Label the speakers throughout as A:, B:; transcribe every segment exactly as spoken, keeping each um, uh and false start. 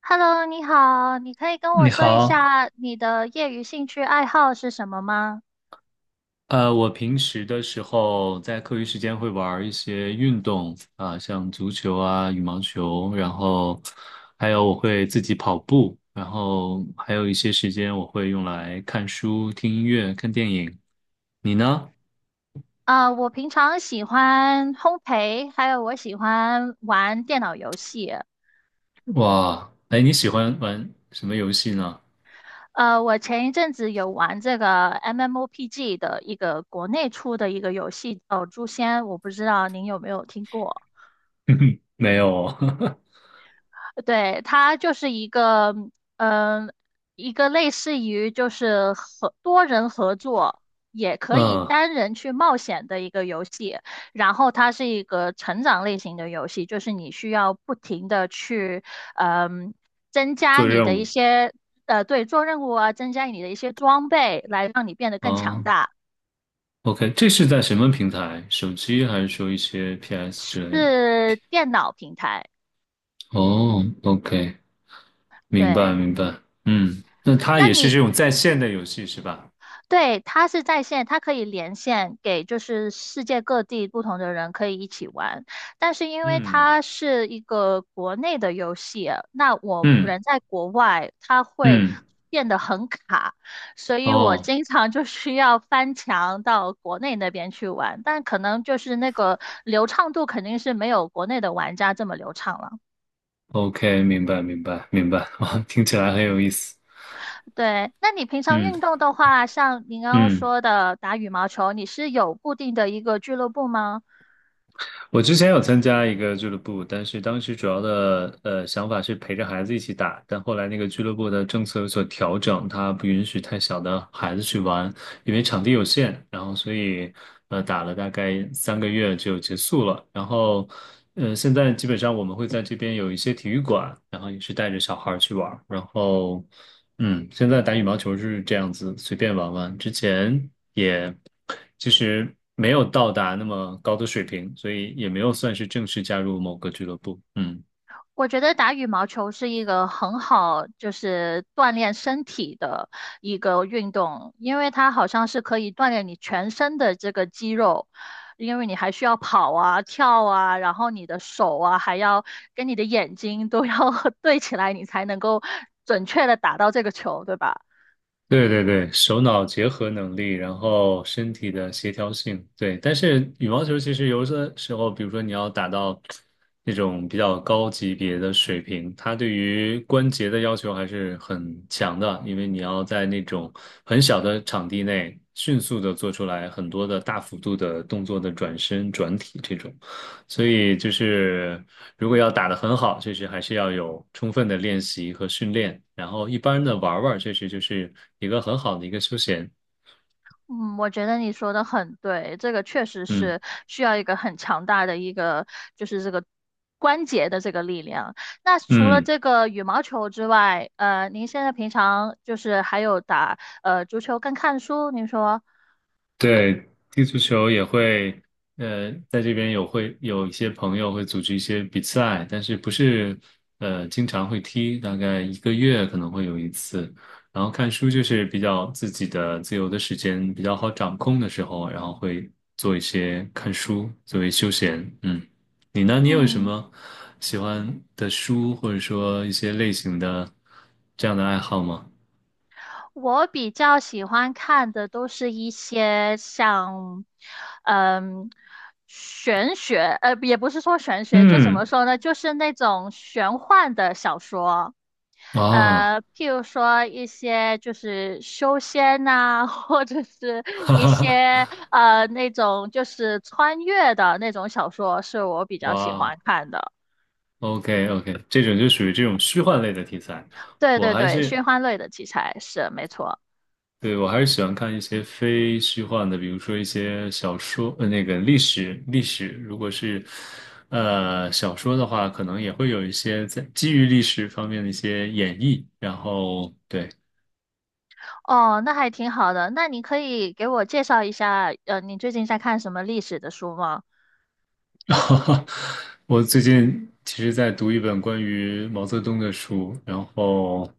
A: Hello，你好，你可以跟我
B: 你
A: 说一
B: 好，
A: 下你的业余兴趣爱好是什么吗？
B: 呃，我平时的时候在课余时间会玩儿一些运动啊，像足球啊、羽毛球，然后还有我会自己跑步，然后还有一些时间我会用来看书、听音乐、看电影。你呢？
A: 啊、我平常喜欢烘焙，还有我喜欢玩电脑游戏。
B: 哇，哎，你喜欢玩什么游戏呢？
A: 呃，我前一阵子有玩这个 M M O P G 的一个国内出的一个游戏，叫《诛仙》，我不知道您有没有听过。
B: 没有哦，
A: 对，它就是一个，嗯，一个类似于就是合多人合作，也 可以
B: 嗯，
A: 单人去冒险的一个游戏。然后它是一个成长类型的游戏，就是你需要不停的去，嗯，增加
B: 做
A: 你的
B: 任
A: 一
B: 务。
A: 些，呃，对，做任务啊，增加你的一些装备，来让你变得更强
B: 哦
A: 大。
B: ，OK，这是在什么平台？手机还是说一些 P S 之类的？
A: 是电脑平台，
B: 哦，OK，明白
A: 对。
B: 明白，嗯，那它
A: 那
B: 也是
A: 你
B: 这种在线的游戏是吧？
A: 对，它是在线，它可以连线给就是世界各地不同的人可以一起玩。但是因为
B: 嗯
A: 它是一个国内的游戏，那我
B: 嗯
A: 人在国外，它会
B: 嗯，
A: 变得很卡，所以我
B: 哦
A: 经常就需要翻墙到国内那边去玩。但可能就是那个流畅度肯定是没有国内的玩家这么流畅了。
B: ，OK，明白明白明白，哇，听起来很有意思，
A: 对，那你平常
B: 嗯
A: 运动的话，像您刚刚
B: 嗯。
A: 说的打羽毛球，你是有固定的一个俱乐部吗？
B: 我之前有参加一个俱乐部，但是当时主要的呃想法是陪着孩子一起打，但后来那个俱乐部的政策有所调整，它不允许太小的孩子去玩，因为场地有限，然后所以呃打了大概三个月就结束了，然后嗯，现在基本上我们会在这边有一些体育馆，然后也是带着小孩儿去玩儿然后。嗯，现在打羽毛球是这样子，随便玩玩。之前也其实没有到达那么高的水平，所以也没有算是正式加入某个俱乐部。嗯。
A: 我觉得打羽毛球是一个很好，就是锻炼身体的一个运动，因为它好像是可以锻炼你全身的这个肌肉，因为你还需要跑啊、跳啊，然后你的手啊，还要跟你的眼睛都要 对起来，你才能够准确的打到这个球，对吧？
B: 对对对，手脑结合能力，然后身体的协调性，对。但是羽毛球其实有的时候，比如说你要打到那种比较高级别的水平，它对于关节的要求还是很强的，因为你要在那种很小的场地内迅速的做出来很多的大幅度的动作的转身、转体这种。所以就是，如果要打得很好，确实还是要有充分的练习和训练。然后一般的玩儿玩儿确实就是一个很好的一个休闲。
A: 嗯，我觉得你说的很对，这个确实
B: 嗯
A: 是需要一个很强大的一个，就是这个关节的这个力量。那除了
B: 嗯。
A: 这个羽毛球之外，呃，您现在平常就是还有打呃足球跟看书，您说，
B: 对，踢足球也会，呃，在这边有会有一些朋友会组织一些比赛，但是不是呃经常会踢，大概一个月可能会有一次。然后看书就是比较自己的自由的时间比较好掌控的时候，然后会做一些看书作为休闲。嗯，你呢？你有什
A: 嗯。
B: 么喜欢的书，或者说一些类型的这样的爱好吗？
A: 我比较喜欢看的都是一些像，嗯，玄学，呃，也不是说玄学，就怎么
B: 嗯，
A: 说呢，就是那种玄幻的小说，
B: 啊，
A: 呃，譬如说一些就是修仙呐、或者是
B: 哈
A: 一
B: 哈哈，
A: 些呃那种就是穿越的那种小说，是我比
B: 哇
A: 较喜欢
B: 哦。
A: 看的。
B: OK OK，这种就属于这种虚幻类的题材，
A: 对
B: 我
A: 对
B: 还
A: 对，
B: 是
A: 玄幻类的题材是没错。
B: 对我还是喜欢看一些非虚幻的，比如说一些小说，呃，那个历史历史，如果是呃小说的话，可能也会有一些在基于历史方面的一些演绎，然后对。
A: 哦，那还挺好的。那你可以给我介绍一下，呃，你最近在看什么历史的书吗？
B: 我最近其实在读一本关于毛泽东的书，然后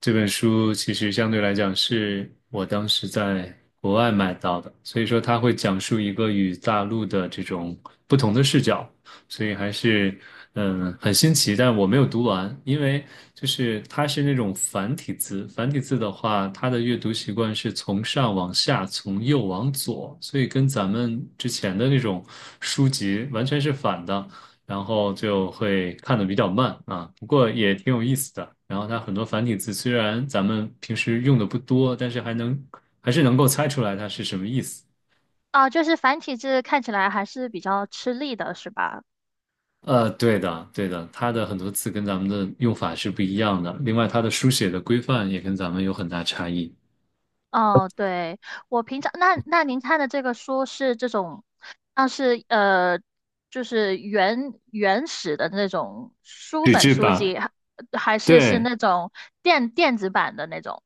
B: 这本书其实相对来讲是我当时在国外买到的，所以说它会讲述一个与大陆的这种不同的视角，所以还是嗯很新奇，但我没有读完，因为就是它是那种繁体字，繁体字的话，它的阅读习惯是从上往下，从右往左，所以跟咱们之前的那种书籍完全是反的，然后就会看得比较慢啊，不过也挺有意思的。然后它很多繁体字虽然咱们平时用的不多，但是还能还是能够猜出来它是什么意思。
A: 啊，就是繁体字看起来还是比较吃力的，是吧？
B: 呃，对的，对的，它的很多词跟咱们的用法是不一样的。另外，它的书写的规范也跟咱们有很大差异。
A: 哦，对，我平常那那您看的这个书是这种，像是呃，就是原原始的那种书
B: 纸
A: 本
B: 质
A: 书
B: 版，
A: 籍，还还是是
B: 对，
A: 那种电电子版的那种？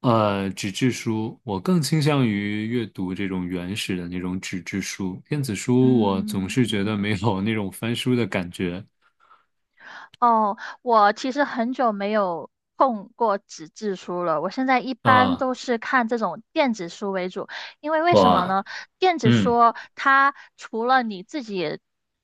B: 呃，纸质书，我更倾向于阅读这种原始的那种纸质书。电子书，我总
A: 嗯。
B: 是觉得没有那种翻书的感觉
A: 哦，我其实很久没有碰过纸质书了。我现在一般
B: 啊。
A: 都是看这种电子书为主，因为为什么
B: 哇，
A: 呢？电子
B: 嗯
A: 书它除了你自己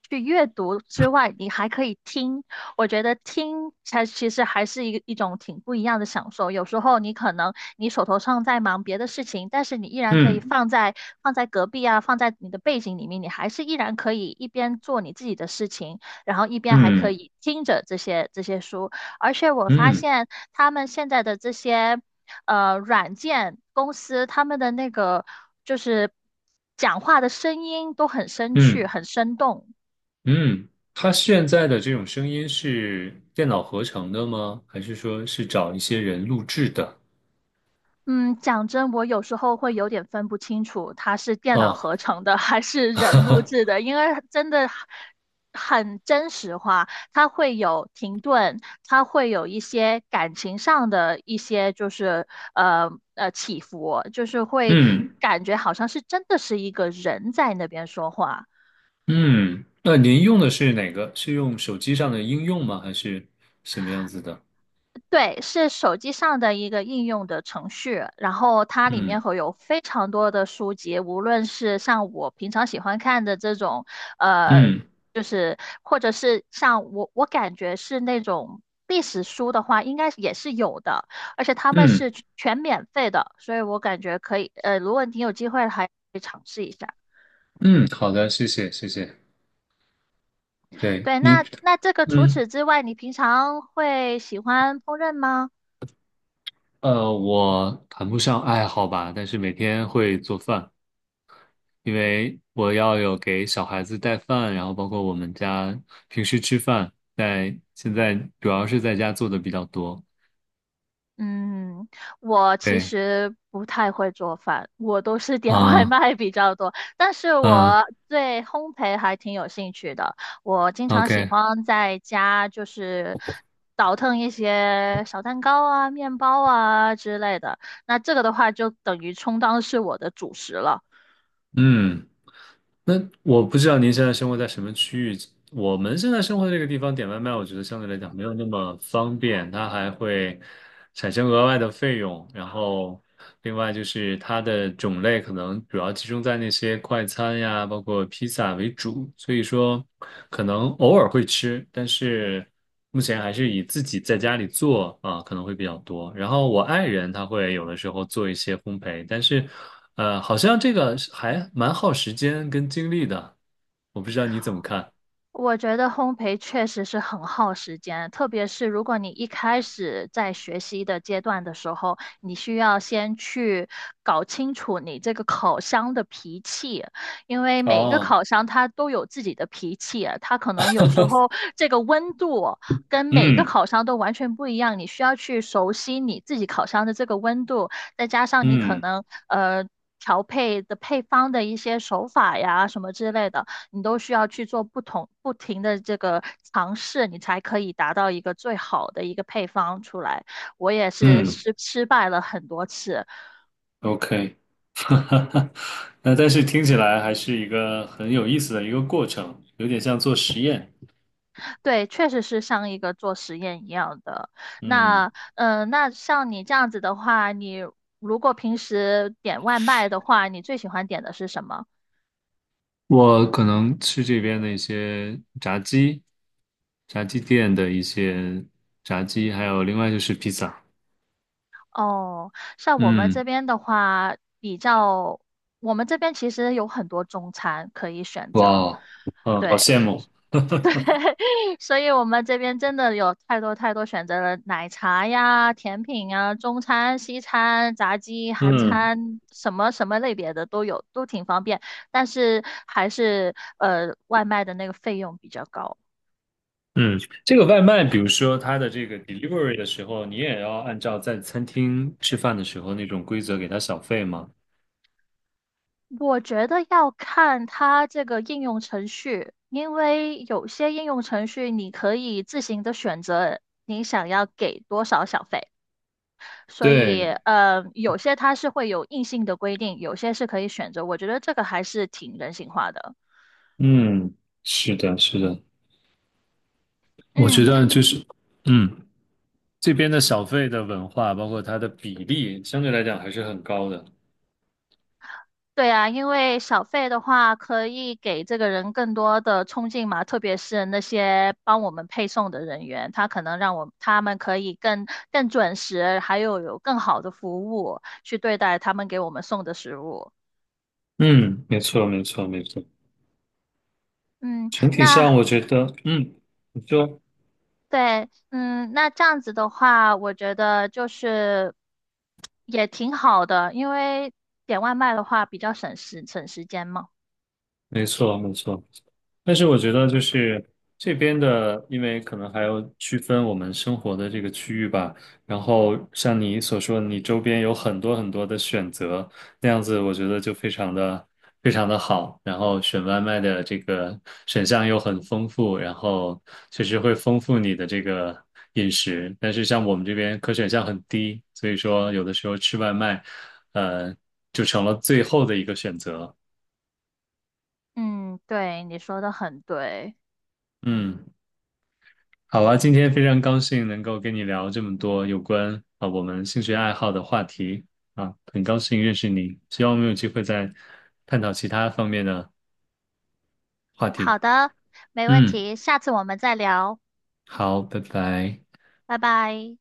A: 去阅读之外，你还可以听。我觉得听才其实还是一个一种挺不一样的享受。有时候你可能你手头上在忙别的事情，但是你依然可以
B: 嗯
A: 放在放在隔壁啊，放在你的背景里面，你还是依然可以一边做你自己的事情。然后一边还可
B: 嗯
A: 以听着这些这些书，而且我发
B: 嗯
A: 现他们现在的这些呃软件公司，他们的那个就是讲话的声音都很生趣，
B: 嗯
A: 很生动。
B: 嗯，它现在的这种声音是电脑合成的吗？还是说是找一些人录制的？
A: 嗯，讲真，我有时候会有点分不清楚它是电脑
B: 哦，
A: 合成的还是人录制的，因为真的很真实化，它会有停顿，它会有一些感情上的一些就是呃呃起伏，就是会
B: 嗯
A: 感觉好像是真的是一个人在那边说话。
B: 嗯，那您用的是哪个？是用手机上的应用吗？还是什么样子的？
A: 对，是手机上的一个应用的程序，然后它里
B: 嗯
A: 面会有非常多的书籍，无论是像我平常喜欢看的这种，呃，
B: 嗯
A: 就是或者是像我我感觉是那种历史书的话，应该也是有的，而且他们
B: 嗯
A: 是全全免费的，所以我感觉可以，呃，如果你有机会还可以尝试一下。
B: 嗯，好的，谢谢谢谢。对
A: 对，
B: 你，
A: 那那这个除
B: 嗯
A: 此之外，你平常会喜欢烹饪吗？
B: 呃，我谈不上爱好吧，但是每天会做饭，因为我要有给小孩子带饭，然后包括我们家平时吃饭，在现在主要是在家做的比较多。
A: 嗯，我其
B: 对，
A: 实不太会做饭，我都是点 外
B: 啊
A: 卖比较多。但是
B: 嗯
A: 我对烘焙还挺有兴趣的，我经常喜
B: ，OK，
A: 欢在家就是倒腾一些小蛋糕啊、面包啊之类的。那这个的话，就等于充当是我的主食了。
B: 嗯。那我不知道您现在生活在什么区域。我们现在生活的这个地方点外卖，我觉得相对来讲没有那么方便，它还会产生额外的费用。然后，另外就是它的种类可能主要集中在那些快餐呀，包括披萨为主，所以说可能偶尔会吃，但是。目前还是以自己在家里做啊，可能会比较多。然后我爱人他会有的时候做一些烘焙，但是，呃，好像这个是还蛮耗时间跟精力的。我不知道你怎么看？
A: 我觉得烘焙确实是很耗时间，特别是如果你一开始在学习的阶段的时候，你需要先去搞清楚你这个烤箱的脾气，因为每一个
B: 哦，
A: 烤箱它都有自己的脾气啊，它可能有时候这个温度跟每一个
B: 嗯
A: 烤箱都完全不一样，你需要去熟悉你自己烤箱的这个温度，再加上你可
B: 嗯
A: 能呃。调配的配方的一些手法呀，什么之类的，你都需要去做不同不停的这个尝试，你才可以达到一个最好的一个配方出来。我也是
B: 嗯
A: 失失败了很多次，
B: ，OK，那但是听起来还是一个很有意思的一个过程，有点像做实验。
A: 对，确实是像一个做实验一样的。
B: 嗯。
A: 那嗯、呃那像你这样子的话，你如果平时点外卖的话，你最喜欢点的是什么？
B: 我可能吃这边的一些炸鸡、炸鸡店的一些炸鸡，还有另外就是披萨。
A: 哦，像我们
B: 嗯，
A: 这边的话，比较我们这边其实有很多中餐可以选
B: 哇
A: 择，
B: 哦，嗯，好
A: 对。
B: 羡慕。
A: 所以我们这边真的有太多太多选择了，奶茶呀、甜品啊、中餐、西餐、炸鸡、韩
B: 嗯
A: 餐，什么什么类别的都有，都挺方便。但是还是呃，外卖的那个费用比较高。
B: 嗯，这个外卖，比如说它的这个 delivery 的时候，你也要按照在餐厅吃饭的时候那种规则给它小费吗？
A: 我觉得要看它这个应用程序，因为有些应用程序你可以自行的选择你想要给多少小费。所以，
B: 对，
A: 呃，有些它是会有硬性的规定，有些是可以选择。我觉得这个还是挺人性化的。
B: 嗯，是的，是的，我
A: 嗯，
B: 觉得就是，嗯，这边的小费的文化，包括它的比例，相对来讲还是很高的。
A: 对啊，因为小费的话可以给这个人更多的冲劲嘛，特别是那些帮我们配送的人员，他可能让我他们可以更更准时，还有有更好的服务去对待他们给我们送的食物。
B: 嗯，没错，没错，没错。
A: 嗯，
B: 整体上，
A: 那
B: 我觉得，嗯，你说，
A: 对，嗯，那这样子的话，我觉得就是也挺好的，因为点外卖的话比较省时省时间嘛。
B: 没错，没错。但是我觉得就是这边的，因为可能还要区分我们生活的这个区域吧。然后像你所说的你周边有很多很多的选择，那样子我觉得就非常的非常的好。然后选外卖的这个选项又很丰富，然后确实会丰富你的这个饮食。但是像我们这边可选项很低，所以说有的时候吃外卖，呃，就成了最后的一个选择。
A: 嗯，对，你说的很对。
B: 嗯。好啊，今天非常高兴能够跟你聊这么多有关啊我们兴趣爱好的话题啊，很高兴认识你，希望我们有机会再探讨其他方面的话题。
A: 好的，没问
B: 嗯，
A: 题，下次我们再聊，
B: 好，拜拜。
A: 拜拜。